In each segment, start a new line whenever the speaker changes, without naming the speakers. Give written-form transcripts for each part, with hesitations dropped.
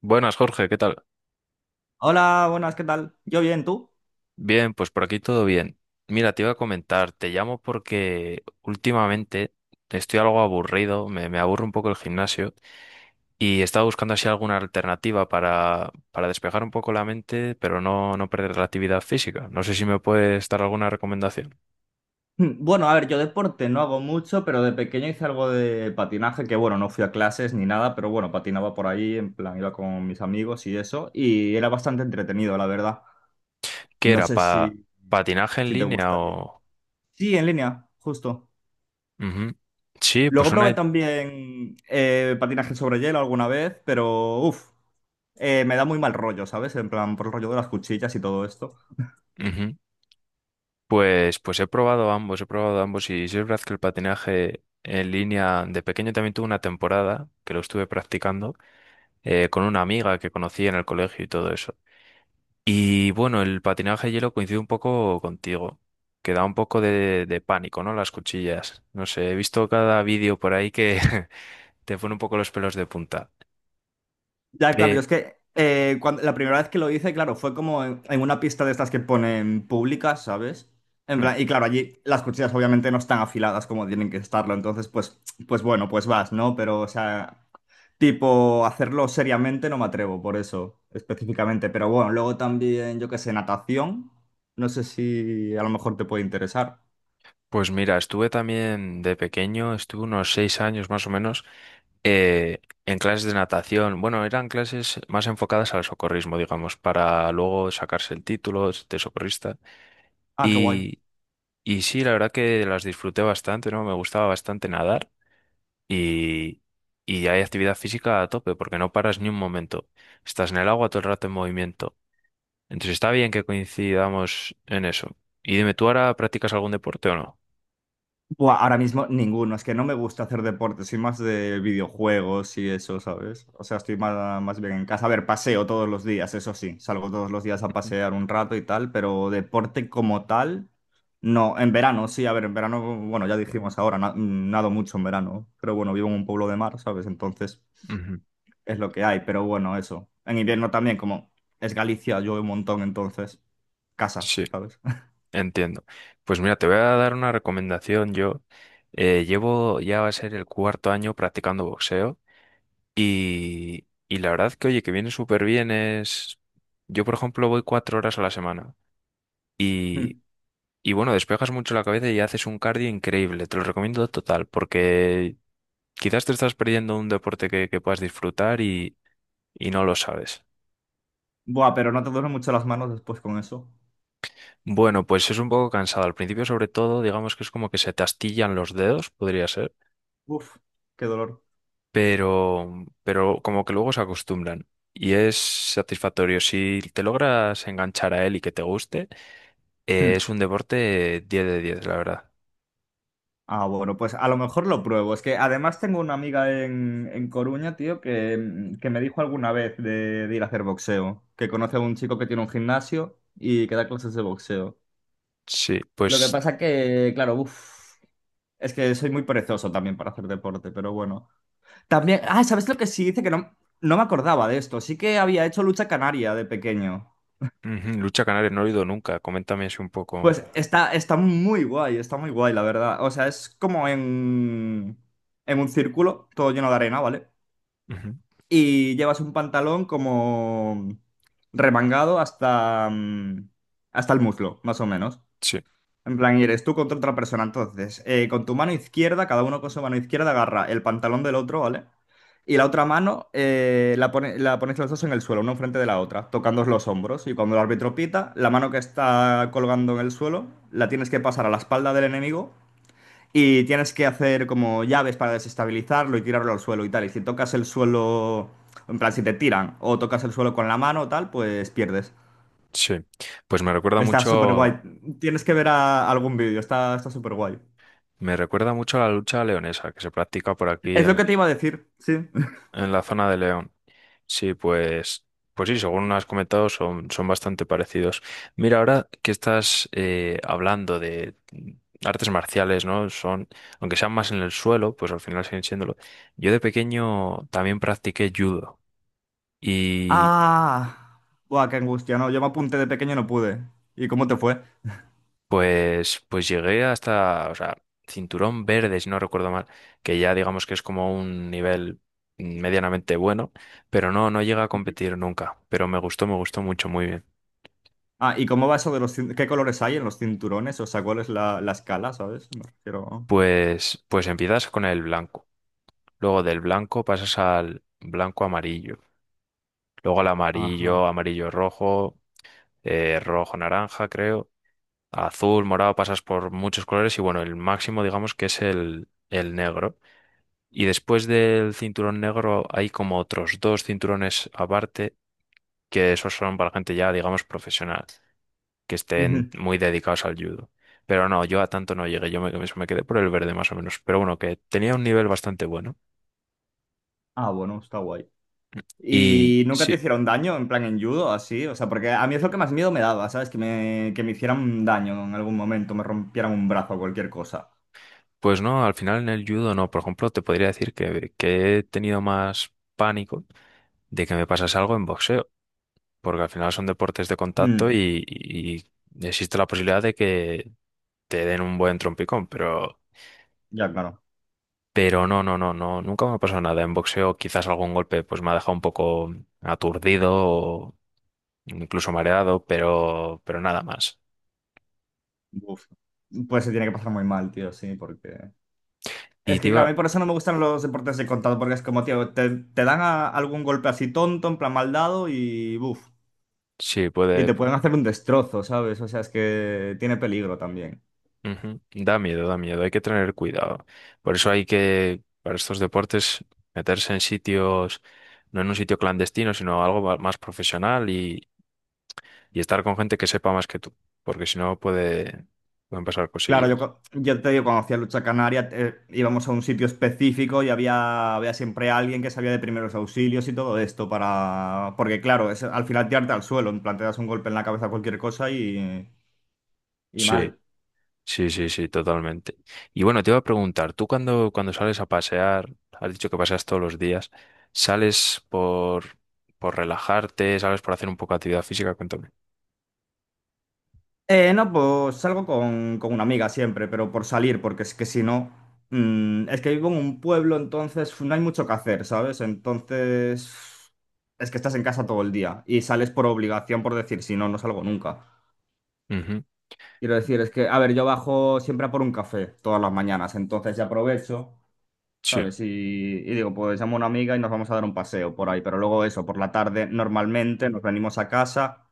Buenas, Jorge, ¿qué tal?
Hola, buenas, ¿qué tal? Yo bien, ¿tú?
Bien, pues por aquí todo bien. Mira, te iba a comentar, te llamo porque últimamente estoy algo aburrido, me aburre un poco el gimnasio y estaba buscando así alguna alternativa para despejar un poco la mente, pero no perder la actividad física. No sé si me puedes dar alguna recomendación.
Bueno, a ver, yo deporte no hago mucho, pero de pequeño hice algo de patinaje, que bueno, no fui a clases ni nada, pero bueno, patinaba por ahí, en plan, iba con mis amigos y eso, y era bastante entretenido, la verdad.
¿Qué
No
era?
sé si,
¿ ¿Patinaje en
si te
línea
gustaría.
o...?
Sí, en línea, justo.
Ujú. Sí, pues
Luego probé
una...
también patinaje sobre hielo alguna vez, pero uff, me da muy mal rollo, ¿sabes? En plan, por el rollo de las cuchillas y todo esto.
ujú. Pues he probado ambos y sí es verdad que el patinaje en línea de pequeño también tuve una temporada que lo estuve practicando con una amiga que conocí en el colegio y todo eso. Y bueno, el patinaje de hielo coincide un poco contigo, que da un poco de pánico, ¿no? Las cuchillas. No sé, he visto cada vídeo por ahí que te pone un poco los pelos de punta.
Ya, claro, yo
Pe-
es que cuando, la primera vez que lo hice, claro, fue como en una pista de estas que ponen públicas, ¿sabes? En plan, y claro, allí las cuchillas obviamente no están afiladas como tienen que estarlo, entonces pues, pues bueno, pues vas, ¿no? Pero, o sea, tipo, hacerlo seriamente no me atrevo, por eso, específicamente. Pero bueno, luego también, yo qué sé, natación, no sé si a lo mejor te puede interesar.
Pues mira, estuve también de pequeño, estuve unos 6 años más o menos eh, en clases de natación. Bueno, eran clases más enfocadas al socorrismo, digamos, para luego sacarse el título de socorrista.
Ah, qué guay.
Y, y sí, la verdad que las disfruté bastante, ¿no? Me gustaba bastante nadar y, y hay actividad física a tope porque no paras ni un momento. Estás en el agua todo el rato en movimiento. Entonces está bien que coincidamos en eso. Y dime, ¿tú ahora practicas algún deporte o no?
Buah, ahora mismo ninguno, es que no me gusta hacer deporte, soy más de videojuegos y eso, ¿sabes? O sea, estoy más, más bien en casa. A ver, paseo todos los días, eso sí, salgo todos los días a
Ujú,
pasear un rato y tal, pero deporte como tal, no. En verano, sí, a ver, en verano, bueno, ya dijimos ahora, nado mucho en verano, pero bueno, vivo en un pueblo de mar, ¿sabes? Entonces
ujú.
es lo que hay, pero bueno, eso. En invierno también, como es Galicia, llueve un montón, entonces casa,
Sí.
¿sabes?
Entiendo. Pues mira, te voy a dar una recomendación. Yo llevo ya va a ser el cuarto año practicando boxeo y la verdad que, oye, que viene súper bien es... Yo, por ejemplo, voy 4 horas a la semana y, y bueno, despejas mucho la cabeza y haces un cardio increíble. Te lo recomiendo total porque quizás te estás perdiendo un deporte que puedas disfrutar y no lo sabes.
Buah, pero no te duelen mucho las manos después con eso.
Bueno, pues es un poco cansado. Al principio, sobre todo, digamos que es como que se te astillan los dedos, podría ser
Uf, qué dolor.
pero, pero como que luego se acostumbran. Y es satisfactorio. Si te logras enganchar a él y que te guste,
Hmm.
es un deporte 10 de 10 la verdad.
Ah, bueno, pues a lo mejor lo pruebo. Es que además tengo una amiga en Coruña, tío, que, que me dijo alguna vez de ir a hacer boxeo, que conoce a un chico que tiene un gimnasio y que da clases de boxeo.
Sí,
Lo que
pues
pasa que, claro, uf, es que soy muy perezoso también para hacer deporte, pero bueno. También, ah, ¿sabes lo que sí? Dice que no, no me acordaba de esto. Sí que había hecho lucha canaria de pequeño.
ujú, lucha canaria no lo he oído nunca. Coméntame así un poco.
Pues está, está muy guay, la verdad. O sea, es como en un círculo, todo lleno de arena, ¿vale?
Ujú.
Y llevas un pantalón como remangado hasta, hasta el muslo, más o menos.
Sí,
En plan, y eres tú contra otra persona. Entonces, con tu mano izquierda, cada uno con su mano izquierda agarra el pantalón del otro, ¿vale? Y la otra mano la, la ponéis los dos en el suelo, una enfrente de la otra, tocándoos los hombros. Y cuando el árbitro pita, la mano que está colgando en el suelo la tienes que pasar a la espalda del enemigo y tienes que hacer como llaves para desestabilizarlo y tirarlo al suelo y tal. Y si tocas el suelo, en plan, si te tiran o tocas el suelo con la mano o tal, pues pierdes.
sí. Pues
Está súper guay. Tienes que ver algún vídeo, está, está súper guay.
me recuerda mucho a la lucha leonesa que se practica por aquí
Es lo
en,
que te iba a decir, sí.
En la zona de León. Sí, pues, pues sí, según has comentado, son, son bastante parecidos. Mira, ahora que estás hablando de artes marciales, ¿no? Son, aunque sean más en el suelo, pues al final siguen siéndolo. Yo de pequeño también practiqué judo y
Ah, buah, qué angustia, no. Yo me apunté de pequeño y no pude. ¿Y cómo te fue?
pues llegué hasta, o sea, cinturón verde, si no recuerdo mal, que ya digamos que es como un nivel medianamente bueno, pero no llega a
Ujú.
competir nunca. Pero me gustó mucho, muy bien.
Ah, ¿y cómo va eso de los... cin- ¿Qué colores hay en los cinturones? O sea, ¿cuál es la, la escala, ¿sabes? Me refiero...
Pues empiezas con el blanco, luego del blanco pasas al blanco amarillo, luego al amarillo,
Ajá.
amarillo rojo, rojo naranja, creo, azul, morado, pasas por muchos colores y bueno, el máximo digamos que es el negro. Y después del cinturón negro hay como otros dos cinturones aparte, que esos son para gente ya digamos profesional, que estén
Ujú.
muy dedicados al judo. Pero no, yo a tanto no llegué, yo me quedé por el verde más o menos, pero bueno, que tenía un nivel bastante bueno.
Ah, bueno, está guay.
Y
¿Y nunca te
sí,
hicieron daño, en plan en judo, así? O sea, porque a mí es lo que más miedo me daba, ¿sabes? Que me hicieran daño en algún momento, me rompieran un brazo o cualquier cosa.
pues no, al final en el judo no. Por ejemplo, te podría decir que he tenido más pánico de que me pasase algo en boxeo, porque al final son deportes de contacto
Mm,
y existe la posibilidad de que te den un buen trompicón, pero,
Ya, claro.
pero no, no, no, no, nunca me ha pasado nada. En boxeo quizás algún golpe pues me ha dejado un poco aturdido o incluso mareado, pero nada más.
Uf. Pues se tiene que pasar muy mal, tío, sí, porque... Es
Y te
que, claro, a
iba,
mí por eso no me gustan los deportes de contacto, porque es como, tío, te dan algún golpe así tonto, en plan mal dado y buf.
sí,
Y
puede,
te pueden hacer un destrozo, ¿sabes? O sea, es que tiene peligro también.
ujú. Da miedo, hay que tener cuidado. Por eso hay que, para estos deportes, meterse en sitios, no en un sitio clandestino, sino algo más profesional y estar con gente que sepa más que tú, porque si no puede, pueden pasar
Claro, yo,
cosillas.
yo te digo, cuando hacía lucha canaria, íbamos a un sitio específico y había siempre alguien que sabía de primeros auxilios y todo esto para... Porque, claro, es, al final tirarte al suelo, en plan, te das un golpe en la cabeza a cualquier cosa y
Sí,
mal.
sí, sí, sí, totalmente. Y bueno, te iba a preguntar, tú cuando sales a pasear, has dicho que paseas todos los días, ¿sales por relajarte, sales por hacer un poco de actividad física? Cuéntame.
No, pues salgo con una amiga siempre, pero por salir, porque es que si no, es que vivo en un pueblo, entonces no hay mucho que hacer, ¿sabes? Entonces, es que estás en casa todo el día y sales por obligación, por decir, si no, no salgo nunca.
Ujú.
Quiero decir, es que, a ver, yo bajo siempre a por un café todas las mañanas, entonces ya aprovecho,
Sí,
¿sabes? Y digo, pues llamo a una amiga y nos vamos a dar un paseo por ahí, pero luego eso, por la tarde normalmente nos venimos a casa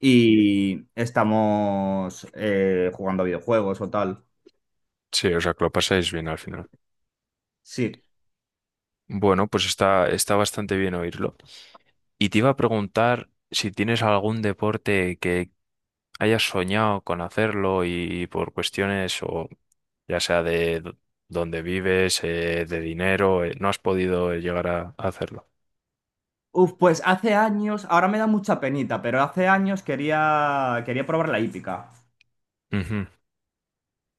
y estamos jugando a videojuegos o tal.
sí, o sea que lo pasáis bien al final.
Sí.
Bueno, pues está, está bastante bien oírlo. Y te iba a preguntar si tienes algún deporte que hayas soñado con hacerlo y por cuestiones o ya sea de dónde vives, de dinero, no has podido llegar a hacerlo.
Uf, pues hace años, ahora me da mucha penita, pero hace años quería probar la hípica.
Ujú.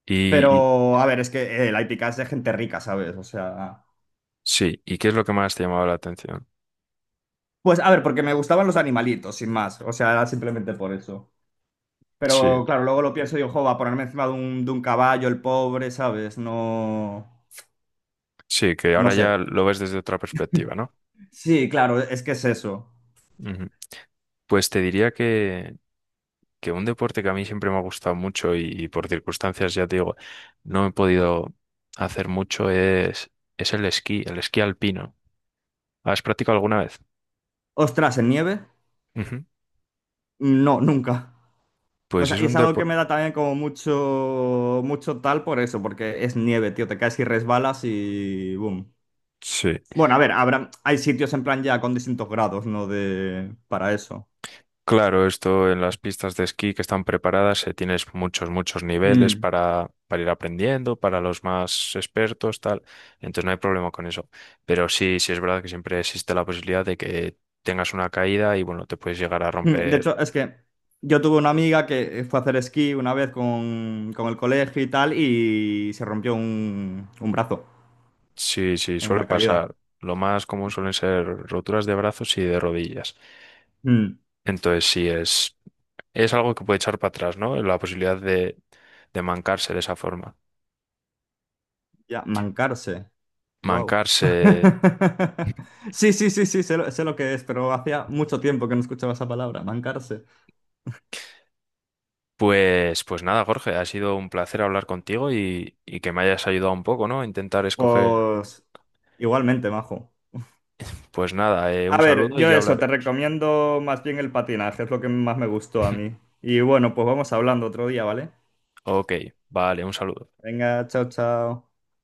Y-
Pero, a ver, es que la hípica es de gente rica, ¿sabes? O sea...
sí, ¿y qué es lo que más te llamaba la atención?
Pues, a ver, porque me gustaban los animalitos, sin más. O sea, era simplemente por eso.
Sí,
Pero, claro, luego lo pienso y digo, jo, va a ponerme encima de un caballo, el pobre, ¿sabes? No...
sí, que
No
ahora
sé.
ya lo ves desde otra perspectiva, ¿no?
Sí, claro, es que es eso.
Ujú. Pues te diría que un deporte que a mí siempre me ha gustado mucho y por circunstancias, ya te digo, no he podido hacer mucho es el esquí alpino. ¿Has practicado alguna vez?
Ostras, ¿en nieve?
Ujú.
No, nunca. O
Pues
sea,
es
y
un
es algo que
deporte...
me da también como mucho, mucho tal por eso, porque es nieve, tío, te caes y resbalas y boom.
Sí,
Bueno, a ver, habrá, hay sitios en plan ya con distintos grados, ¿no? De, para eso.
claro, esto en las pistas de esquí que están preparadas, tienes muchos, muchos niveles
Mm.
para ir aprendiendo, para los más expertos, tal. Entonces no hay problema con eso. Pero sí, sí es verdad que siempre existe la posibilidad de que tengas una caída y bueno, te puedes llegar a
Mm, de
romper.
hecho, es que yo tuve una amiga que fue a hacer esquí una vez con el colegio y tal y se rompió un brazo
Sí, sí,
en
suele
una caída.
pasar. Lo más común suelen ser roturas de brazos y de rodillas. Entonces, sí, es algo que puede echar para atrás, ¿no? La posibilidad de mancarse de esa forma.
Ya, mancarse. Wow.
Mancarse.
Sí, sí, sí, sí, sé lo que es, pero hacía mucho tiempo que no escuchaba esa palabra, mancarse.
Pues, pues nada, Jorge, ha sido un placer hablar contigo y que me hayas ayudado un poco, ¿no? A intentar escoger.
Pues igualmente, majo.
Pues nada, un
A ver,
saludo y
yo
ya
eso, te
hablaremos.
recomiendo más bien el patinaje, es lo que más me gustó a mí. Y bueno, pues vamos hablando otro día, ¿vale?
Ok, vale, un saludo.
Venga, chao, chao.